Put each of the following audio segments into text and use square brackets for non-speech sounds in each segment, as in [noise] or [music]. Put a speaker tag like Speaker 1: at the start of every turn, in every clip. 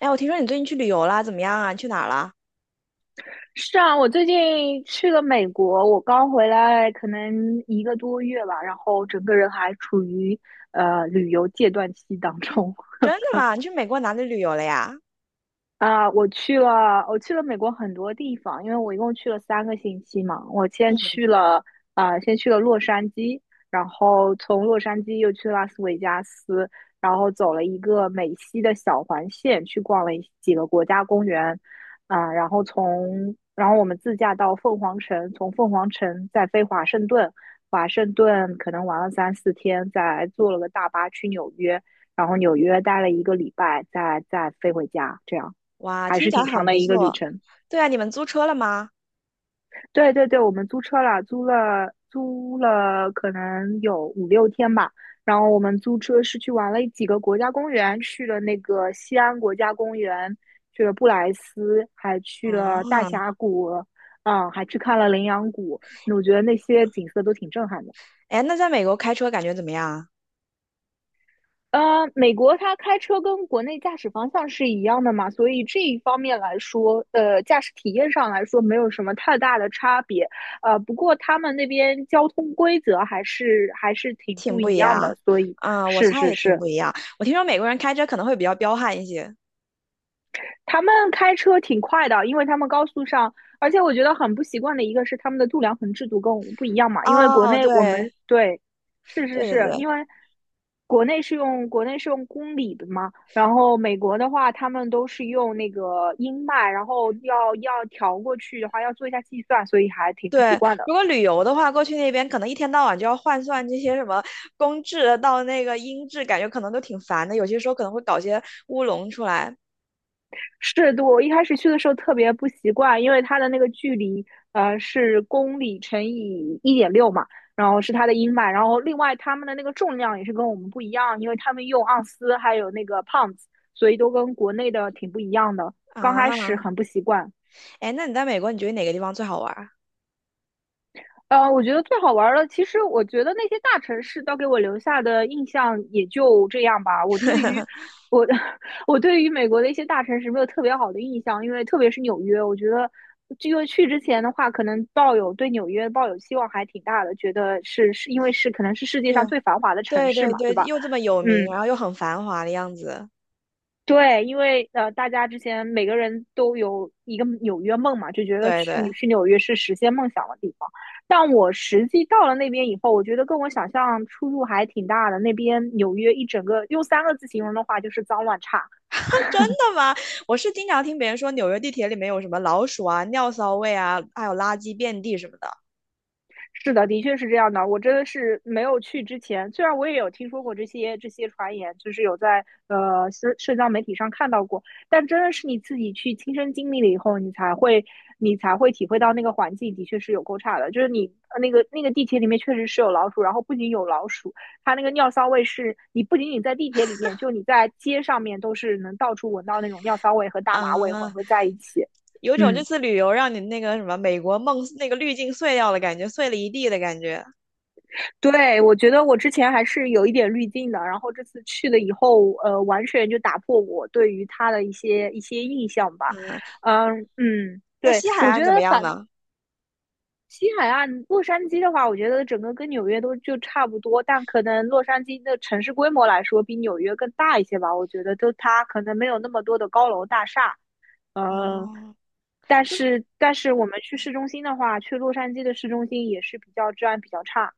Speaker 1: 哎，我听说你最近去旅游了，怎么样啊？你去哪儿啦？
Speaker 2: 是啊，我最近去了美国，我刚回来，可能一个多月吧，然后整个人还处于旅游戒断期当中。
Speaker 1: 真的吗？你去美国哪里旅游了呀？
Speaker 2: 啊，我去了美国很多地方，因为我一共去了3个星期嘛。我先
Speaker 1: 嗯。
Speaker 2: 去了啊、先去了洛杉矶，然后从洛杉矶又去拉斯维加斯，然后走了一个美西的小环线，去逛了几个国家公园。啊、然后从然后我们自驾到凤凰城，从凤凰城再飞华盛顿。华盛顿可能玩了3-4天，再坐了个大巴去纽约，然后纽约待了一个礼拜，再飞回家，这样。
Speaker 1: 哇，
Speaker 2: 还
Speaker 1: 听
Speaker 2: 是
Speaker 1: 起来
Speaker 2: 挺长
Speaker 1: 很
Speaker 2: 的
Speaker 1: 不
Speaker 2: 一个旅
Speaker 1: 错。
Speaker 2: 程。
Speaker 1: 对啊，你们租车了吗？
Speaker 2: 对对对，我们租车了，租了可能有5-6天吧。然后我们租车是去玩了几个国家公园，去了那个西安国家公园，去了布莱斯，还去了大
Speaker 1: 嗯。
Speaker 2: 峡谷，嗯，还去看了羚羊谷。那我觉得那些景色都挺震撼的。
Speaker 1: 哎，那在美国开车感觉怎么样啊？
Speaker 2: 美国它开车跟国内驾驶方向是一样的嘛，所以这一方面来说，驾驶体验上来说没有什么太大的差别。不过他们那边交通规则还是挺
Speaker 1: 挺
Speaker 2: 不
Speaker 1: 不
Speaker 2: 一
Speaker 1: 一
Speaker 2: 样的，
Speaker 1: 样。
Speaker 2: 所以。
Speaker 1: 啊，我
Speaker 2: 是
Speaker 1: 猜
Speaker 2: 是
Speaker 1: 也挺
Speaker 2: 是。
Speaker 1: 不一样。我听说美国人开车可能会比较彪悍一些。
Speaker 2: 他们开车挺快的，因为他们高速上。而且我觉得很不习惯的一个是他们的度量衡制度跟我们不一样嘛，因为国
Speaker 1: 哦，
Speaker 2: 内我
Speaker 1: 对，
Speaker 2: 们对。是是
Speaker 1: 对对
Speaker 2: 是，
Speaker 1: 对
Speaker 2: 因为国内是用公里的嘛，然后美国的话他们都是用那个英迈，然后要调过去的话要做一下计算，所以还挺不习
Speaker 1: 对。
Speaker 2: 惯的。
Speaker 1: 如果旅游的话，过去那边可能一天到晚就要换算这些什么公制到那个英制，感觉可能都挺烦的。有些时候可能会搞些乌龙出来
Speaker 2: 是，对，我一开始去的时候特别不习惯，因为它的那个距离，是公里乘以1.6嘛，然后是它的英迈，然后另外他们的那个重量也是跟我们不一样，因为他们用盎司还有那个 p 子，所以都跟国内的挺不一样的，刚开始
Speaker 1: 啊。
Speaker 2: 很不习惯。
Speaker 1: 哎，那你在美国，你觉得哪个地方最好玩儿？
Speaker 2: 我觉得最好玩儿的，其实我觉得那些大城市都给我留下的印象也就这样吧。我对于我 [laughs] 我对于美国的一些大城市没有特别好的印象，因为特别是纽约，我觉得因为去之前的话，可能对纽约抱有希望还挺大的，觉得是是因为是可能是世界上
Speaker 1: 对，
Speaker 2: 最繁华的城
Speaker 1: 对
Speaker 2: 市
Speaker 1: 对
Speaker 2: 嘛，对
Speaker 1: 对，
Speaker 2: 吧？
Speaker 1: 又这么有名，
Speaker 2: 嗯，
Speaker 1: 然后又很繁华的样子。
Speaker 2: 对，因为大家之前每个人都有一个纽约梦嘛，就觉得
Speaker 1: 对对，[laughs]
Speaker 2: 去你
Speaker 1: 啊，
Speaker 2: 去纽约是实现梦想的地方。但我实际到了那边以后，我觉得跟我想象出入还挺大的。那边纽约一整个用三个字形容的话，就是脏乱差。
Speaker 1: 真的吗？我是经常听别人说纽约地铁里面有什么老鼠啊、尿骚味啊，还有垃圾遍地什么的
Speaker 2: 是的，的确是这样的。我真的是没有去之前，虽然我也有听说过这些传言，就是有在社交媒体上看到过，但真的是你自己去亲身经历了以后，你才会体会到那个环境的确是有够差的。就是你地铁里面确实是有老鼠，然后不仅有老鼠，它那个尿骚味是你不仅仅在地铁里面，就你在街上面都是能到处闻到那种尿骚味和大麻味混
Speaker 1: 啊，
Speaker 2: 合在一起。
Speaker 1: 有种这
Speaker 2: 嗯，
Speaker 1: 次旅游让你那个什么美国梦那个滤镜碎掉了感觉，碎了一地的感觉。
Speaker 2: 对，我觉得我之前还是有一点滤镜的，然后这次去了以后，完全就打破我对于它的一些印象吧。
Speaker 1: 嗯。
Speaker 2: 嗯嗯，
Speaker 1: 那
Speaker 2: 对。
Speaker 1: 西海
Speaker 2: 我
Speaker 1: 岸
Speaker 2: 觉
Speaker 1: 怎么
Speaker 2: 得
Speaker 1: 样
Speaker 2: 反
Speaker 1: 呢？
Speaker 2: 西海岸洛杉矶的话，我觉得整个跟纽约都就差不多，但可能洛杉矶的城市规模来说比纽约更大一些吧。我觉得就它可能没有那么多的高楼大厦，嗯，
Speaker 1: 哦，
Speaker 2: 但
Speaker 1: 是。
Speaker 2: 是但是我们去市中心的话，去洛杉矶的市中心也是比较治安比较差。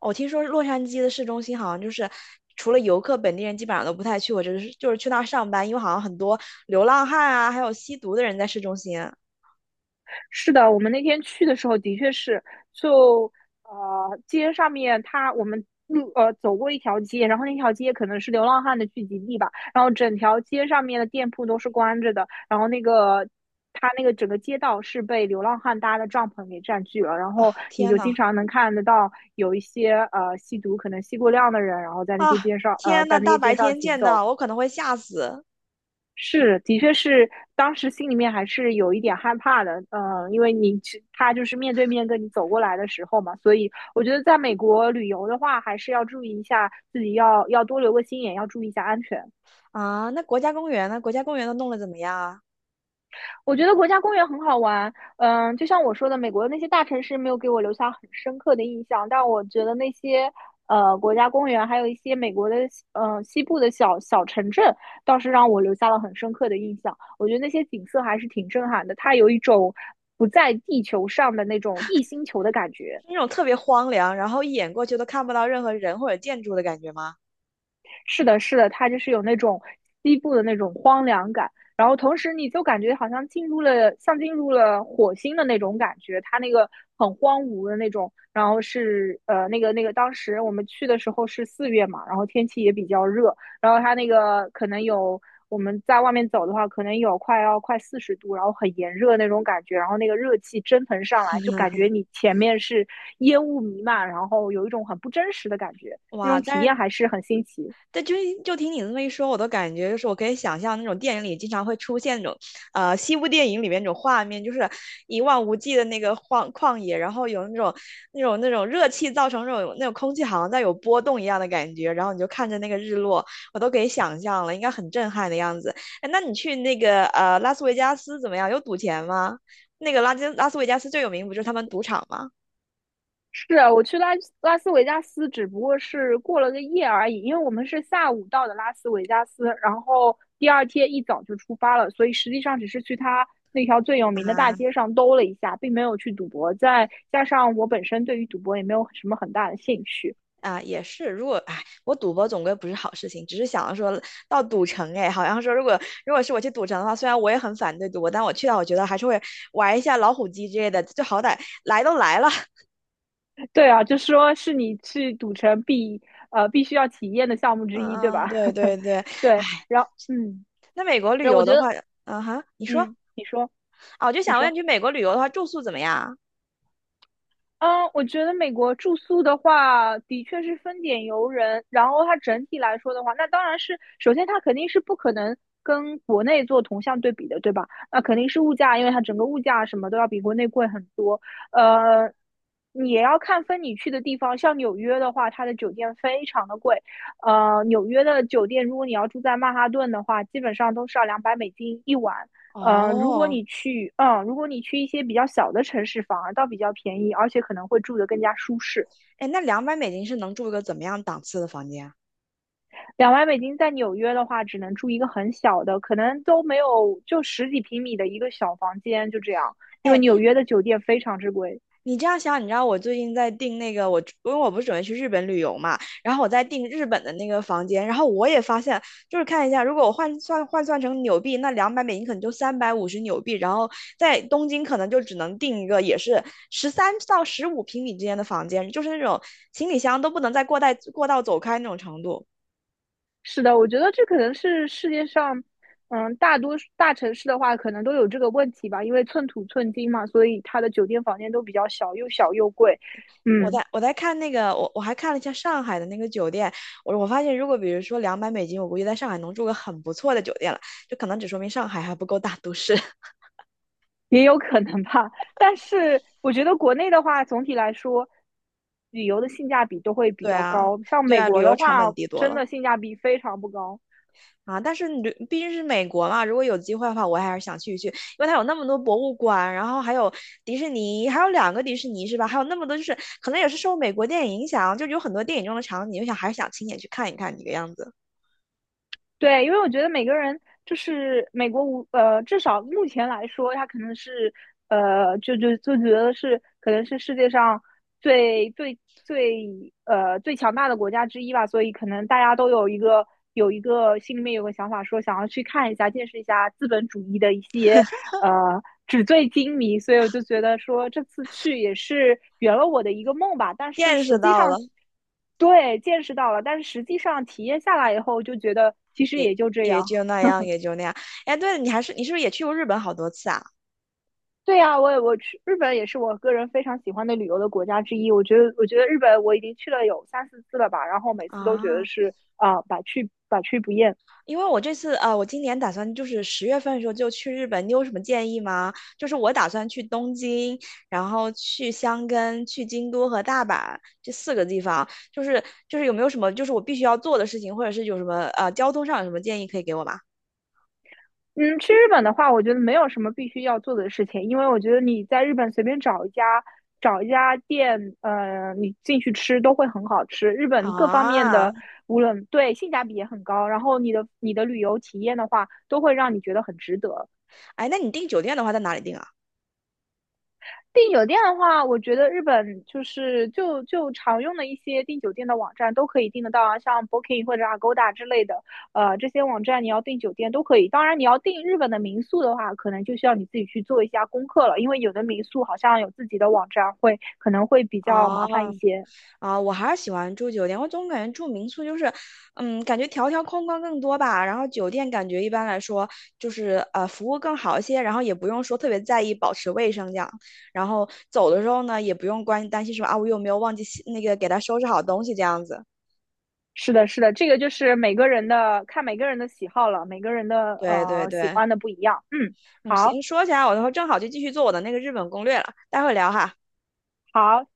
Speaker 1: 我听说洛杉矶的市中心好像就是除了游客，本地人基本上都不太去过，我就是去那儿上班，因为好像很多流浪汉啊，还有吸毒的人在市中心。
Speaker 2: 是的，我们那天去的时候的确是，就呃街上面它我们路呃走过一条街，然后那条街可能是流浪汉的聚集地吧，然后整条街上面的店铺都是关着的，然后它那个整个街道是被流浪汉搭的帐篷给占据了，然后你
Speaker 1: 天
Speaker 2: 就
Speaker 1: 呐，
Speaker 2: 经常能看得到有一些吸毒可能吸过量的人，然后在那些
Speaker 1: 啊，
Speaker 2: 街上呃
Speaker 1: 天呐，
Speaker 2: 在那
Speaker 1: 大
Speaker 2: 些街
Speaker 1: 白
Speaker 2: 上
Speaker 1: 天
Speaker 2: 行
Speaker 1: 见
Speaker 2: 走。
Speaker 1: 到我可能会吓死。
Speaker 2: 是，的确是，当时心里面还是有一点害怕的，嗯，因为你去他就是面对面跟你走过来的时候嘛，所以我觉得在美国旅游的话，还是要注意一下自己要多留个心眼，要注意一下安全。
Speaker 1: 啊！那国家公园呢？国家公园都弄得怎么样啊？
Speaker 2: 我觉得国家公园很好玩，嗯，就像我说的，美国的那些大城市没有给我留下很深刻的印象，但我觉得那些国家公园，还有一些美国的西部的小小城镇，倒是让我留下了很深刻的印象。我觉得那些景色还是挺震撼的，它有一种不在地球上的那种异星球的感觉。
Speaker 1: 是那种特别荒凉，然后一眼过去都看不到任何人或者建筑的感觉吗？
Speaker 2: 是的，是的，它就是有那种西部的那种荒凉感，然后同时你就感觉像进入了火星的那种感觉，它那个很荒芜的那种，然后当时我们去的时候是4月嘛，然后天气也比较热，然后它那个可能有。我们在外面走的话，可能有快要40度，然后很炎热那种感觉，然后那个热气蒸腾上来，就感觉你前面是烟雾弥漫，然后有一种很不真实的感觉，那
Speaker 1: 哇，
Speaker 2: 种体
Speaker 1: 但
Speaker 2: 验还
Speaker 1: 是
Speaker 2: 是很新奇。
Speaker 1: 对，就听你这么一说，我都感觉就是我可以想象那种电影里经常会出现那种，西部电影里面那种画面，就是一望无际的那个荒旷野，然后有那种热气造成那种空气好像在有波动一样的感觉，然后你就看着那个日落，我都可以想象了，应该很震撼的样子。哎，那你去那个拉斯维加斯怎么样？有赌钱吗？那个拉斯维加斯最有名不就是他们赌场吗？
Speaker 2: 是啊，我去拉斯维加斯，只不过是过了个夜而已，因为我们是下午到的拉斯维加斯，然后第二天一早就出发了，所以实际上只是去他那条最有名的大
Speaker 1: 啊。
Speaker 2: 街上兜了一下，并没有去赌博。再加上我本身对于赌博也没有什么很大的兴趣。
Speaker 1: 啊，也是。如果哎，我赌博总归不是好事情，只是想说到赌城，哎，好像说如果是我去赌城的话，虽然我也很反对赌博，但我去了，我觉得还是会玩一下老虎机之类的，就好歹来都来了。[laughs]
Speaker 2: 对啊，就说是你去赌城必须要体验的项目之一，对
Speaker 1: 嗯
Speaker 2: 吧？
Speaker 1: 嗯，对对
Speaker 2: [laughs]
Speaker 1: 对。哎，
Speaker 2: 对，然后嗯，
Speaker 1: 那美国旅
Speaker 2: 然后我
Speaker 1: 游
Speaker 2: 觉
Speaker 1: 的话，
Speaker 2: 得
Speaker 1: 嗯哼，你说
Speaker 2: 嗯，你说。
Speaker 1: 哦，我就
Speaker 2: 你
Speaker 1: 想问，
Speaker 2: 说。
Speaker 1: 去美国旅游的话，住宿怎么样？
Speaker 2: 嗯，我觉得美国住宿的话，的确是分点游人。然后它整体来说的话，那当然是首先它肯定是不可能跟国内做同向对比的，对吧？那肯定是物价，因为它整个物价什么都要比国内贵很多。呃，你也要看分你去的地方，像纽约的话，它的酒店非常的贵。纽约的酒店，如果你要住在曼哈顿的话，基本上都是要200美金一晚。呃，如果
Speaker 1: 哦。
Speaker 2: 你去，嗯，如果你去一些比较小的城市，反而倒比较便宜，而且可能会住得更加舒适。
Speaker 1: 哎，那两百美金是能住一个怎么样档次的房间啊？
Speaker 2: 2万美金在纽约的话，只能住一个很小的，可能都没有，就十几平米的一个小房间，就这样。因为
Speaker 1: 哎，
Speaker 2: 纽约的酒店非常之贵。
Speaker 1: 你这样想，你知道我最近在订那个我，因为我不是准备去日本旅游嘛，然后我在订日本的那个房间，然后我也发现，就是看一下，如果我换算换算成纽币，那两百美金可能就350纽币，然后在东京可能就只能订一个也是13到15平米之间的房间，就是那种行李箱都不能在过带过道走开那种程度。
Speaker 2: 是的，我觉得这可能是世界上，嗯，大多数大城市的话，可能都有这个问题吧，因为寸土寸金嘛，所以它的酒店房间都比较小，又小又贵。
Speaker 1: 我
Speaker 2: 嗯，
Speaker 1: 在我在看那个，我还看了一下上海的那个酒店，我发现如果比如说两百美金，我估计在上海能住个很不错的酒店了，就可能只说明上海还不够大都市。[laughs]
Speaker 2: 也有可能吧。但是我觉得国内的话，总体来说，旅游的性价比都会比
Speaker 1: 对
Speaker 2: 较
Speaker 1: 啊，
Speaker 2: 高。像
Speaker 1: 对
Speaker 2: 美
Speaker 1: 啊，旅
Speaker 2: 国
Speaker 1: 游
Speaker 2: 的
Speaker 1: 成本
Speaker 2: 话，
Speaker 1: 低多
Speaker 2: 真
Speaker 1: 了
Speaker 2: 的性价比非常不高。
Speaker 1: 啊，但是毕竟是美国嘛，如果有机会的话，我还是想去一去，因为它有那么多博物馆，然后还有迪士尼，还有两个迪士尼是吧？还有那么多就是可能也是受美国电影影响，就有很多电影中的场景，我想还是想亲眼去看一看这个样子，
Speaker 2: 对，因为我觉得每个人就是美国无呃，至少目前来说，他可能是呃，就就就觉得可能是世界上最强大的国家之一吧，所以可能大家都有一个有一个心里面有个想法，说想要去看一下、见识一下资本主义的一些纸醉金迷，所以我就觉得说这次去也是圆了我的一个梦吧。但是
Speaker 1: 见
Speaker 2: 实
Speaker 1: 识
Speaker 2: 际
Speaker 1: 到了。
Speaker 2: 上，对，见识到了，但是实际上体验下来以后，就觉得其实
Speaker 1: 也
Speaker 2: 也就这
Speaker 1: 也
Speaker 2: 样。
Speaker 1: 就那样，也就那样。哎，对了，你还是你是不是也去过日本好多次啊？
Speaker 2: 对呀，我去日本也是我个人非常喜欢的旅游的国家之一。我觉得日本我已经去了有3-4次了吧，然后每次都觉得
Speaker 1: 啊，
Speaker 2: 是啊、百去百去不厌。
Speaker 1: 因为我这次啊、呃我今年打算就是10月份的时候就去日本，你有什么建议吗？就是我打算去东京，然后去箱根、去京都和大阪这四个地方，就是有没有什么就是我必须要做的事情，或者是有什么交通上有什么建议可以给我吗？
Speaker 2: 嗯，去日本的话，我觉得没有什么必须要做的事情，因为我觉得你在日本随便找一家店，你进去吃都会很好吃。日本各方面
Speaker 1: 啊。
Speaker 2: 的，无论对性价比也很高，然后你的旅游体验的话，都会让你觉得很值得。
Speaker 1: 哎，那你订酒店的话在哪里订啊？
Speaker 2: 订酒店的话，我觉得日本就是常用的一些订酒店的网站都可以订得到啊，像 Booking 或者 Agoda 之类的，这些网站你要订酒店都可以。当然，你要订日本的民宿的话，可能就需要你自己去做一下功课了，因为有的民宿好像有自己的网站会，可能会比较麻烦一
Speaker 1: 哦。
Speaker 2: 些。
Speaker 1: 啊，我还是喜欢住酒店。我总感觉住民宿就是，感觉条条框框更多吧。然后酒店感觉一般来说就是服务更好一些，然后也不用说特别在意保持卫生这样。然后走的时候呢，也不用担心说啊我有没有忘记洗那个给他收拾好东西这样子。
Speaker 2: 是的，是的，这个就是每个人的看每个人的喜好了，每个人的
Speaker 1: 对对
Speaker 2: 喜
Speaker 1: 对，
Speaker 2: 欢的不一样。嗯，
Speaker 1: 嗯，
Speaker 2: 好，
Speaker 1: 行，说起来我的话正好就继续做我的那个日本攻略了，待会儿聊哈。
Speaker 2: 好。